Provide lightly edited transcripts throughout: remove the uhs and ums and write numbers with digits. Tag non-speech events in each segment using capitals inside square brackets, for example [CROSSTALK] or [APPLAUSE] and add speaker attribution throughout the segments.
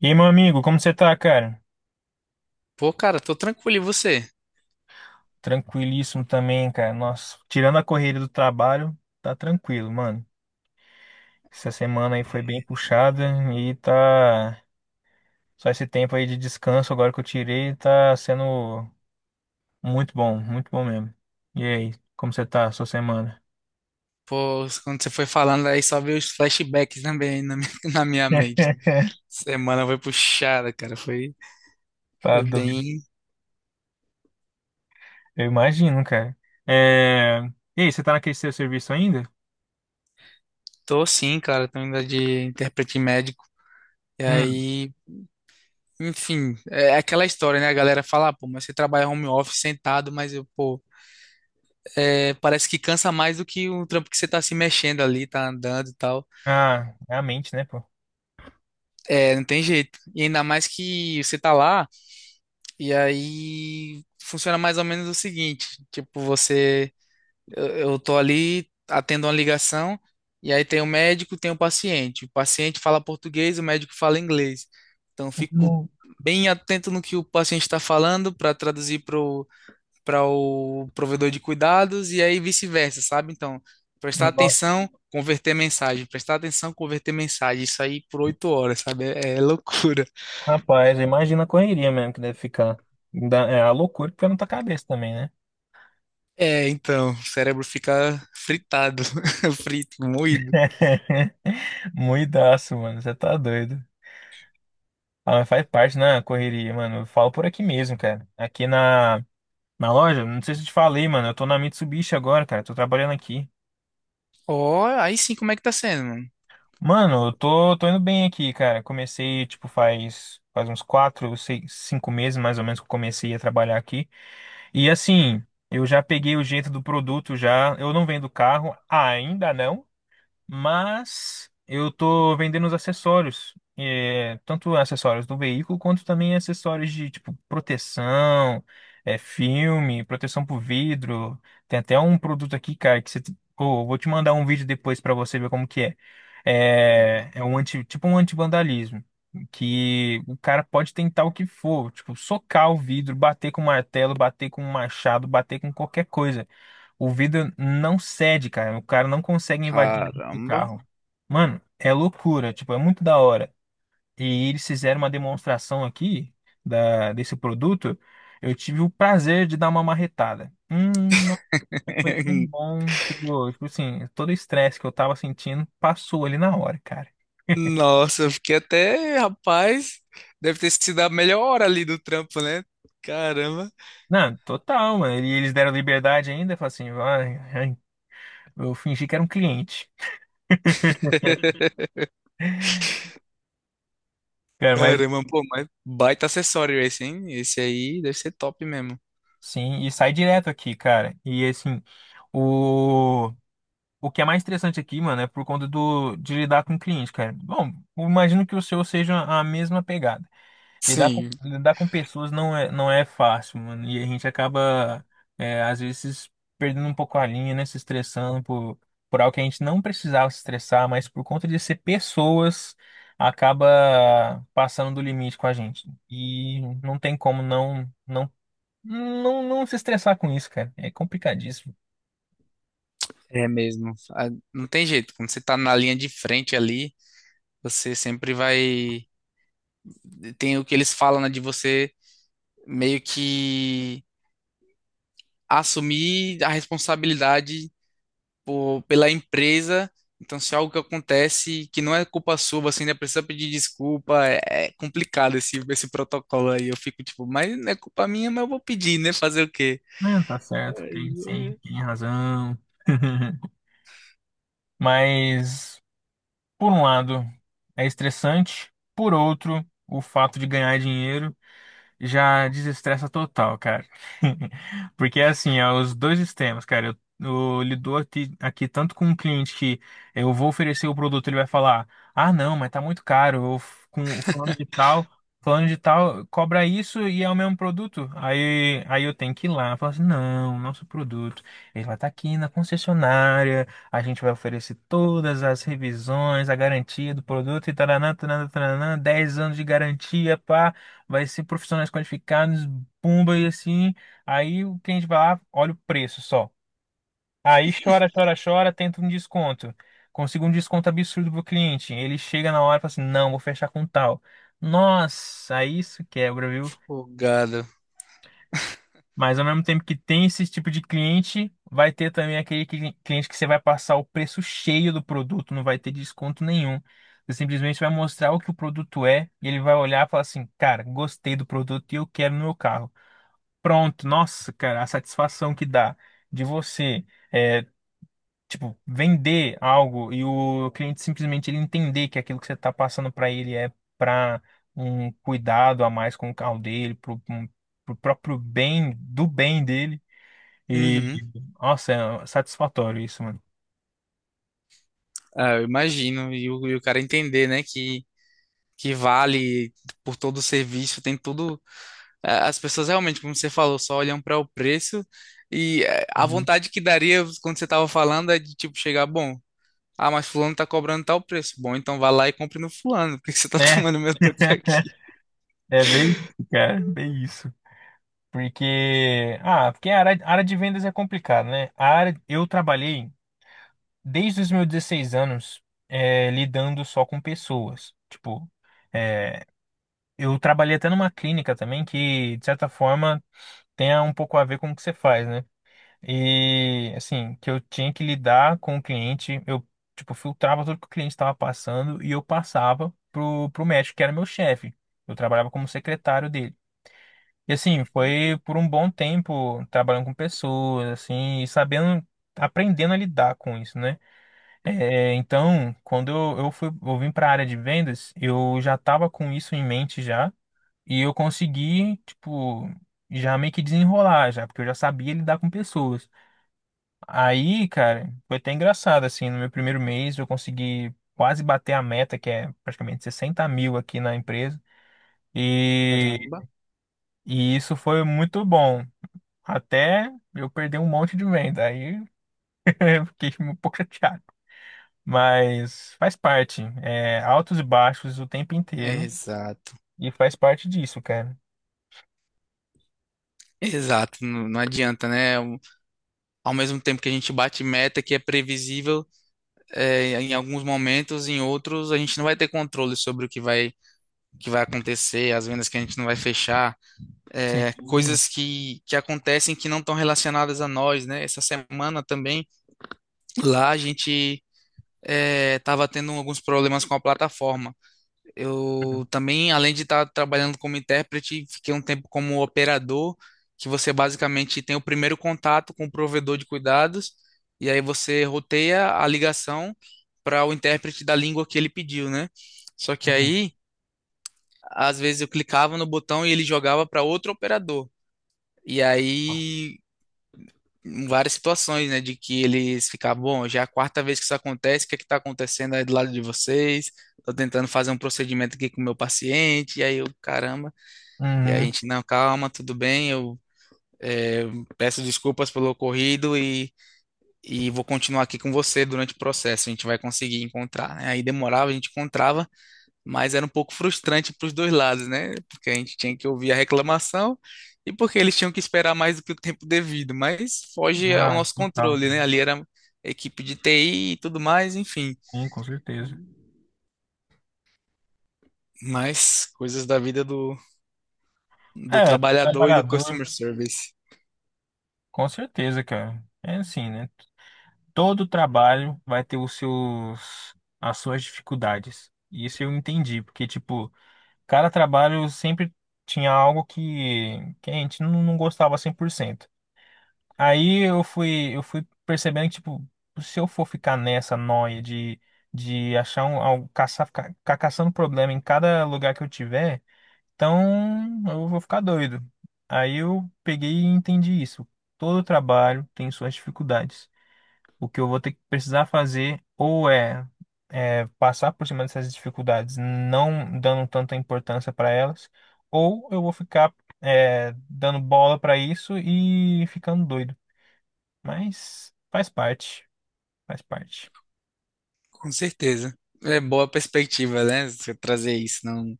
Speaker 1: E aí, meu amigo, como você tá, cara?
Speaker 2: Pô, cara, tô tranquilo, e você?
Speaker 1: Tranquilíssimo também, cara. Nossa, tirando a correria do trabalho, tá tranquilo, mano. Essa semana aí foi bem puxada e tá. Só esse tempo aí de descanso agora que eu tirei tá sendo muito bom mesmo. E aí, como você tá, sua semana?
Speaker 2: Pô, quando você foi falando aí, só veio os flashbacks também aí na minha, [LAUGHS] na minha mente.
Speaker 1: [LAUGHS]
Speaker 2: Semana foi puxada, cara, foi,
Speaker 1: Tá
Speaker 2: foi
Speaker 1: doido.
Speaker 2: bem...
Speaker 1: Eu imagino, cara. É... E aí, você tá naquele seu serviço ainda?
Speaker 2: Tô sim, cara, tô ainda de intérprete médico. E
Speaker 1: Hum.
Speaker 2: aí, enfim, é aquela história, né? A galera fala, "Ah, pô, mas você trabalha home office sentado, mas eu, pô, parece que cansa mais do que o trampo que você tá se mexendo ali, tá andando e tal.
Speaker 1: Ah, é a mente, né, pô?
Speaker 2: É, não tem jeito. E ainda mais que você tá lá... E aí funciona mais ou menos o seguinte, tipo, você, eu tô ali, atendo uma ligação, e aí tem o médico, tem o paciente. O paciente fala português, o médico fala inglês. Então, eu fico
Speaker 1: Hum.
Speaker 2: bem atento no que o paciente está falando para para o provedor de cuidados e aí vice-versa, sabe? Então, prestar
Speaker 1: Nossa.
Speaker 2: atenção, converter mensagem, prestar atenção, converter mensagem. Isso aí por 8 horas, sabe? É loucura.
Speaker 1: Rapaz, imagina a correria mesmo que deve ficar. É a loucura que fica na tua cabeça também, né?
Speaker 2: É, então, o cérebro fica fritado, [LAUGHS] frito, moído.
Speaker 1: [LAUGHS] Muidaço, mano. Você tá doido. Ah, mas faz parte, né? A correria, mano. Eu falo por aqui mesmo, cara. Na loja, não sei se eu te falei, mano. Eu tô na Mitsubishi agora, cara. Tô trabalhando aqui.
Speaker 2: Ó, aí sim, como é que tá sendo, mano?
Speaker 1: Mano, tô indo bem aqui, cara. Comecei, tipo, faz uns quatro, seis, cinco meses mais ou menos que eu comecei a trabalhar aqui. E assim, eu já peguei o jeito do produto já. Eu não vendo carro, ainda não. Mas eu tô vendendo os acessórios, é, tanto acessórios do veículo quanto também acessórios de tipo proteção, é, filme, proteção pro vidro. Tem até um produto aqui, cara, que pô, eu vou te mandar um vídeo depois pra você ver como que é. É um anti, tipo um antivandalismo. Que o cara pode tentar o que for, tipo, socar o vidro, bater com martelo, bater com um machado, bater com qualquer coisa. O vidro não cede, cara. O cara não consegue invadir dentro do
Speaker 2: Caramba.
Speaker 1: carro. Mano, é loucura. Tipo, é muito da hora. E eles fizeram uma demonstração aqui desse produto. Eu tive o prazer de dar uma marretada. Nossa, foi tão
Speaker 2: [LAUGHS]
Speaker 1: bom. Tipo assim, todo o estresse que eu tava sentindo passou ali na hora, cara.
Speaker 2: Nossa, eu fiquei até, rapaz, deve ter sido a melhor hora ali do trampo, né? Caramba.
Speaker 1: Não, total, mano. E eles deram liberdade ainda. Falaram assim, vai, ai. Eu fingi que era um cliente.
Speaker 2: [LAUGHS]
Speaker 1: Cara, mas
Speaker 2: Caramba, pô, mas baita acessório esse, hein? Esse aí deve ser top mesmo.
Speaker 1: sim, e sai direto aqui, cara. E assim. O... O que é mais interessante aqui, mano, é por conta de lidar com cliente, cara. Bom, eu imagino que o seu seja a mesma pegada.
Speaker 2: Sim,
Speaker 1: Lidar com pessoas não não é fácil, mano. E a gente acaba, é, às vezes, perdendo um pouco a linha, né? Se estressando por algo que a gente não precisava se estressar, mas por conta de ser pessoas, acaba passando do limite com a gente. E não tem como não se estressar com isso, cara. É complicadíssimo.
Speaker 2: é mesmo. Ah, não tem jeito, quando você tá na linha de frente ali, você sempre vai. Tem o que eles falam, né, de você meio que assumir a responsabilidade pela empresa. Então, se algo que acontece que não é culpa sua, você ainda precisa pedir desculpa. É, é complicado esse protocolo aí. Eu fico tipo, mas não é culpa minha, mas eu vou pedir, né? Fazer o quê?
Speaker 1: Não, tá certo, tem,
Speaker 2: Aí
Speaker 1: sim,
Speaker 2: é
Speaker 1: tem razão. [LAUGHS] Mas, por um lado, é estressante, por outro, o fato de ganhar dinheiro já desestressa total, cara. [LAUGHS] Porque assim, é os dois extremos, cara. Eu lido aqui tanto com um cliente que eu vou oferecer o produto, ele vai falar: "Ah, não, mas tá muito caro. Eu com falando de falando de tal, cobra isso e é o mesmo produto". Aí eu tenho que ir lá, falar assim: "Não, nosso produto, ele vai estar aqui na concessionária, a gente vai oferecer todas as revisões, a garantia do produto e taranã, taranã, taranã, 10 anos de garantia, pá", vai ser profissionais qualificados, pumba e assim. Aí o cliente vai lá, olha o preço só. Aí chora, chora, chora, tenta um desconto. Consigo um desconto absurdo pro cliente. Ele chega na hora e fala assim: não, vou fechar com tal. Nossa, isso quebra, viu?
Speaker 2: folgado.
Speaker 1: Mas ao mesmo tempo que tem esse tipo de cliente, vai ter também aquele cliente que você vai passar o preço cheio do produto, não vai ter desconto nenhum. Você simplesmente vai mostrar o que o produto é e ele vai olhar e falar assim: cara, gostei do produto e eu quero no meu carro. Pronto, nossa, cara, a satisfação que dá de você, é, tipo, vender algo e o cliente simplesmente ele entender que aquilo que você está passando para ele é para um cuidado a mais com o carro dele, pro próprio bem, do bem dele. E,
Speaker 2: Uhum.
Speaker 1: nossa, é satisfatório isso, mano.
Speaker 2: Ah, eu imagino. E o cara entender, né? Que vale por todo o serviço, as pessoas realmente, como você falou, só olham para o preço e a
Speaker 1: Uhum.
Speaker 2: vontade que daria quando você estava falando é de tipo chegar, bom, ah, mas fulano tá cobrando tal preço. Bom, então vá lá e compre no fulano, [LAUGHS] porque você tá [LAUGHS]
Speaker 1: É,
Speaker 2: tomando meu tempo aqui.
Speaker 1: [LAUGHS] é bem isso, cara, bem isso. Porque, ah, porque a área de vendas é complicada, né? A área, eu trabalhei desde os meus 16 anos, é, lidando só com pessoas. Tipo, é, eu trabalhei até numa clínica também que, de certa forma, tem um pouco a ver com o que você faz, né? E, assim, que eu tinha que lidar com o cliente, eu, tipo, filtrava tudo que o cliente estava passando e eu passava pro médico, que era meu chefe. Eu trabalhava como secretário dele. E, assim, foi por um bom tempo trabalhando com pessoas, assim, e sabendo, aprendendo a lidar com isso, né? É, então, quando eu fui, eu vim para a área de vendas, eu já estava com isso em mente já, e eu consegui, tipo, já meio que desenrolar já, porque eu já sabia lidar com pessoas. Aí, cara, foi até engraçado, assim, no meu primeiro mês eu consegui quase bater a meta, que é praticamente 60 mil aqui na empresa, e,
Speaker 2: Caramba.
Speaker 1: e isso foi muito bom, até eu perder um monte de venda, aí [LAUGHS] eu fiquei um pouco chateado. Mas faz parte. É, altos e baixos o tempo inteiro.
Speaker 2: Exato,
Speaker 1: E faz parte disso, cara.
Speaker 2: exato, não, não adianta, né? Ao mesmo tempo que a gente bate meta que é previsível, é, em alguns momentos, em outros, a gente não vai ter controle sobre o que vai acontecer, as vendas que a gente não vai fechar. É,
Speaker 1: Sim.
Speaker 2: coisas que acontecem que não estão relacionadas a nós, né? Essa semana também, lá a gente estava tendo alguns problemas com a plataforma. Eu também, além de estar trabalhando como intérprete, fiquei um tempo como operador, que você basicamente tem o primeiro contato com o provedor de cuidados, e aí você roteia a ligação para o intérprete da língua que ele pediu, né? Só que
Speaker 1: Uhum.
Speaker 2: aí, às vezes eu clicava no botão e ele jogava para outro operador. E aí em várias situações, né? De que eles ficavam, bom, já é a quarta vez que isso acontece, o que é que tá acontecendo aí do lado de vocês? Tô tentando fazer um procedimento aqui com o meu paciente, e aí eu, caramba, e aí a
Speaker 1: Uhum.
Speaker 2: gente, não, calma, tudo bem, é, peço desculpas pelo ocorrido e vou continuar aqui com você durante o processo, a gente vai conseguir encontrar, né? Aí demorava, a gente encontrava mas era um pouco frustrante para os dois lados, né? Porque a gente tinha que ouvir a reclamação e porque eles tinham que esperar mais do que o tempo devido, mas foge ao
Speaker 1: Ah,
Speaker 2: nosso
Speaker 1: total,
Speaker 2: controle,
Speaker 1: cara.
Speaker 2: né? Ali era equipe de TI e tudo mais, enfim.
Speaker 1: Sim, com certeza.
Speaker 2: Mas coisas da vida do
Speaker 1: É,
Speaker 2: trabalhador e do
Speaker 1: trabalhador,
Speaker 2: customer service,
Speaker 1: com certeza, cara. É assim, né? Todo trabalho vai ter os seus, as suas dificuldades. Isso eu entendi, porque, tipo, cada trabalho sempre tinha algo que a gente não, não gostava 100%. Aí eu fui percebendo que, tipo, se eu for ficar nessa noia de achar um, algo, caçar, ficar caçando problema em cada lugar que eu tiver, então eu vou ficar doido. Aí eu peguei e entendi isso. Todo trabalho tem suas dificuldades. O que eu vou ter que precisar fazer ou é passar por cima dessas dificuldades, não dando tanta importância para elas, ou eu vou ficar é, dando bola para isso e ficando doido. Mas faz parte, faz parte.
Speaker 2: com certeza. É boa perspectiva, né? Você trazer isso. Não,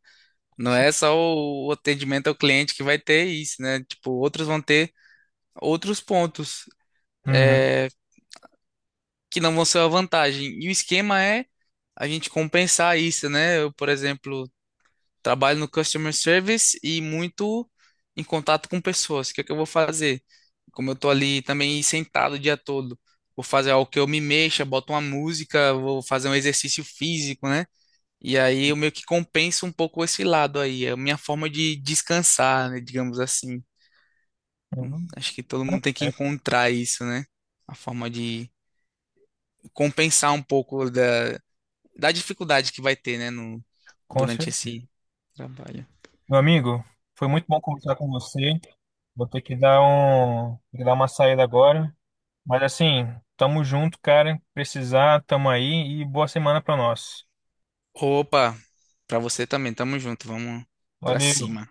Speaker 2: não
Speaker 1: Sim.
Speaker 2: é só o atendimento ao cliente que vai ter isso, né? Tipo, outros vão ter outros pontos.
Speaker 1: Uhum.
Speaker 2: É, que não vão ser uma vantagem. E o esquema é a gente compensar isso, né? Eu, por exemplo, trabalho no customer service e muito em contato com pessoas. O que é que eu vou fazer? Como eu tô ali também sentado o dia todo, vou fazer algo que eu me mexa, boto uma música, vou fazer um exercício físico, né? E aí eu meio que compenso um pouco esse lado aí. É a minha forma de descansar, né? Digamos assim.
Speaker 1: Uhum.
Speaker 2: Acho que todo
Speaker 1: Faz
Speaker 2: mundo tem que
Speaker 1: parte.
Speaker 2: encontrar isso, né? A forma de compensar um pouco da dificuldade que vai ter, né, no,
Speaker 1: Com
Speaker 2: durante
Speaker 1: certeza.
Speaker 2: esse trabalho.
Speaker 1: Meu amigo, foi muito bom conversar com você. Vou ter que ter que dar uma saída agora. Mas assim, tamo junto, cara. Precisar, tamo aí e boa semana pra nós.
Speaker 2: Opa, pra você também, tamo junto, vamos pra
Speaker 1: Valeu.
Speaker 2: cima.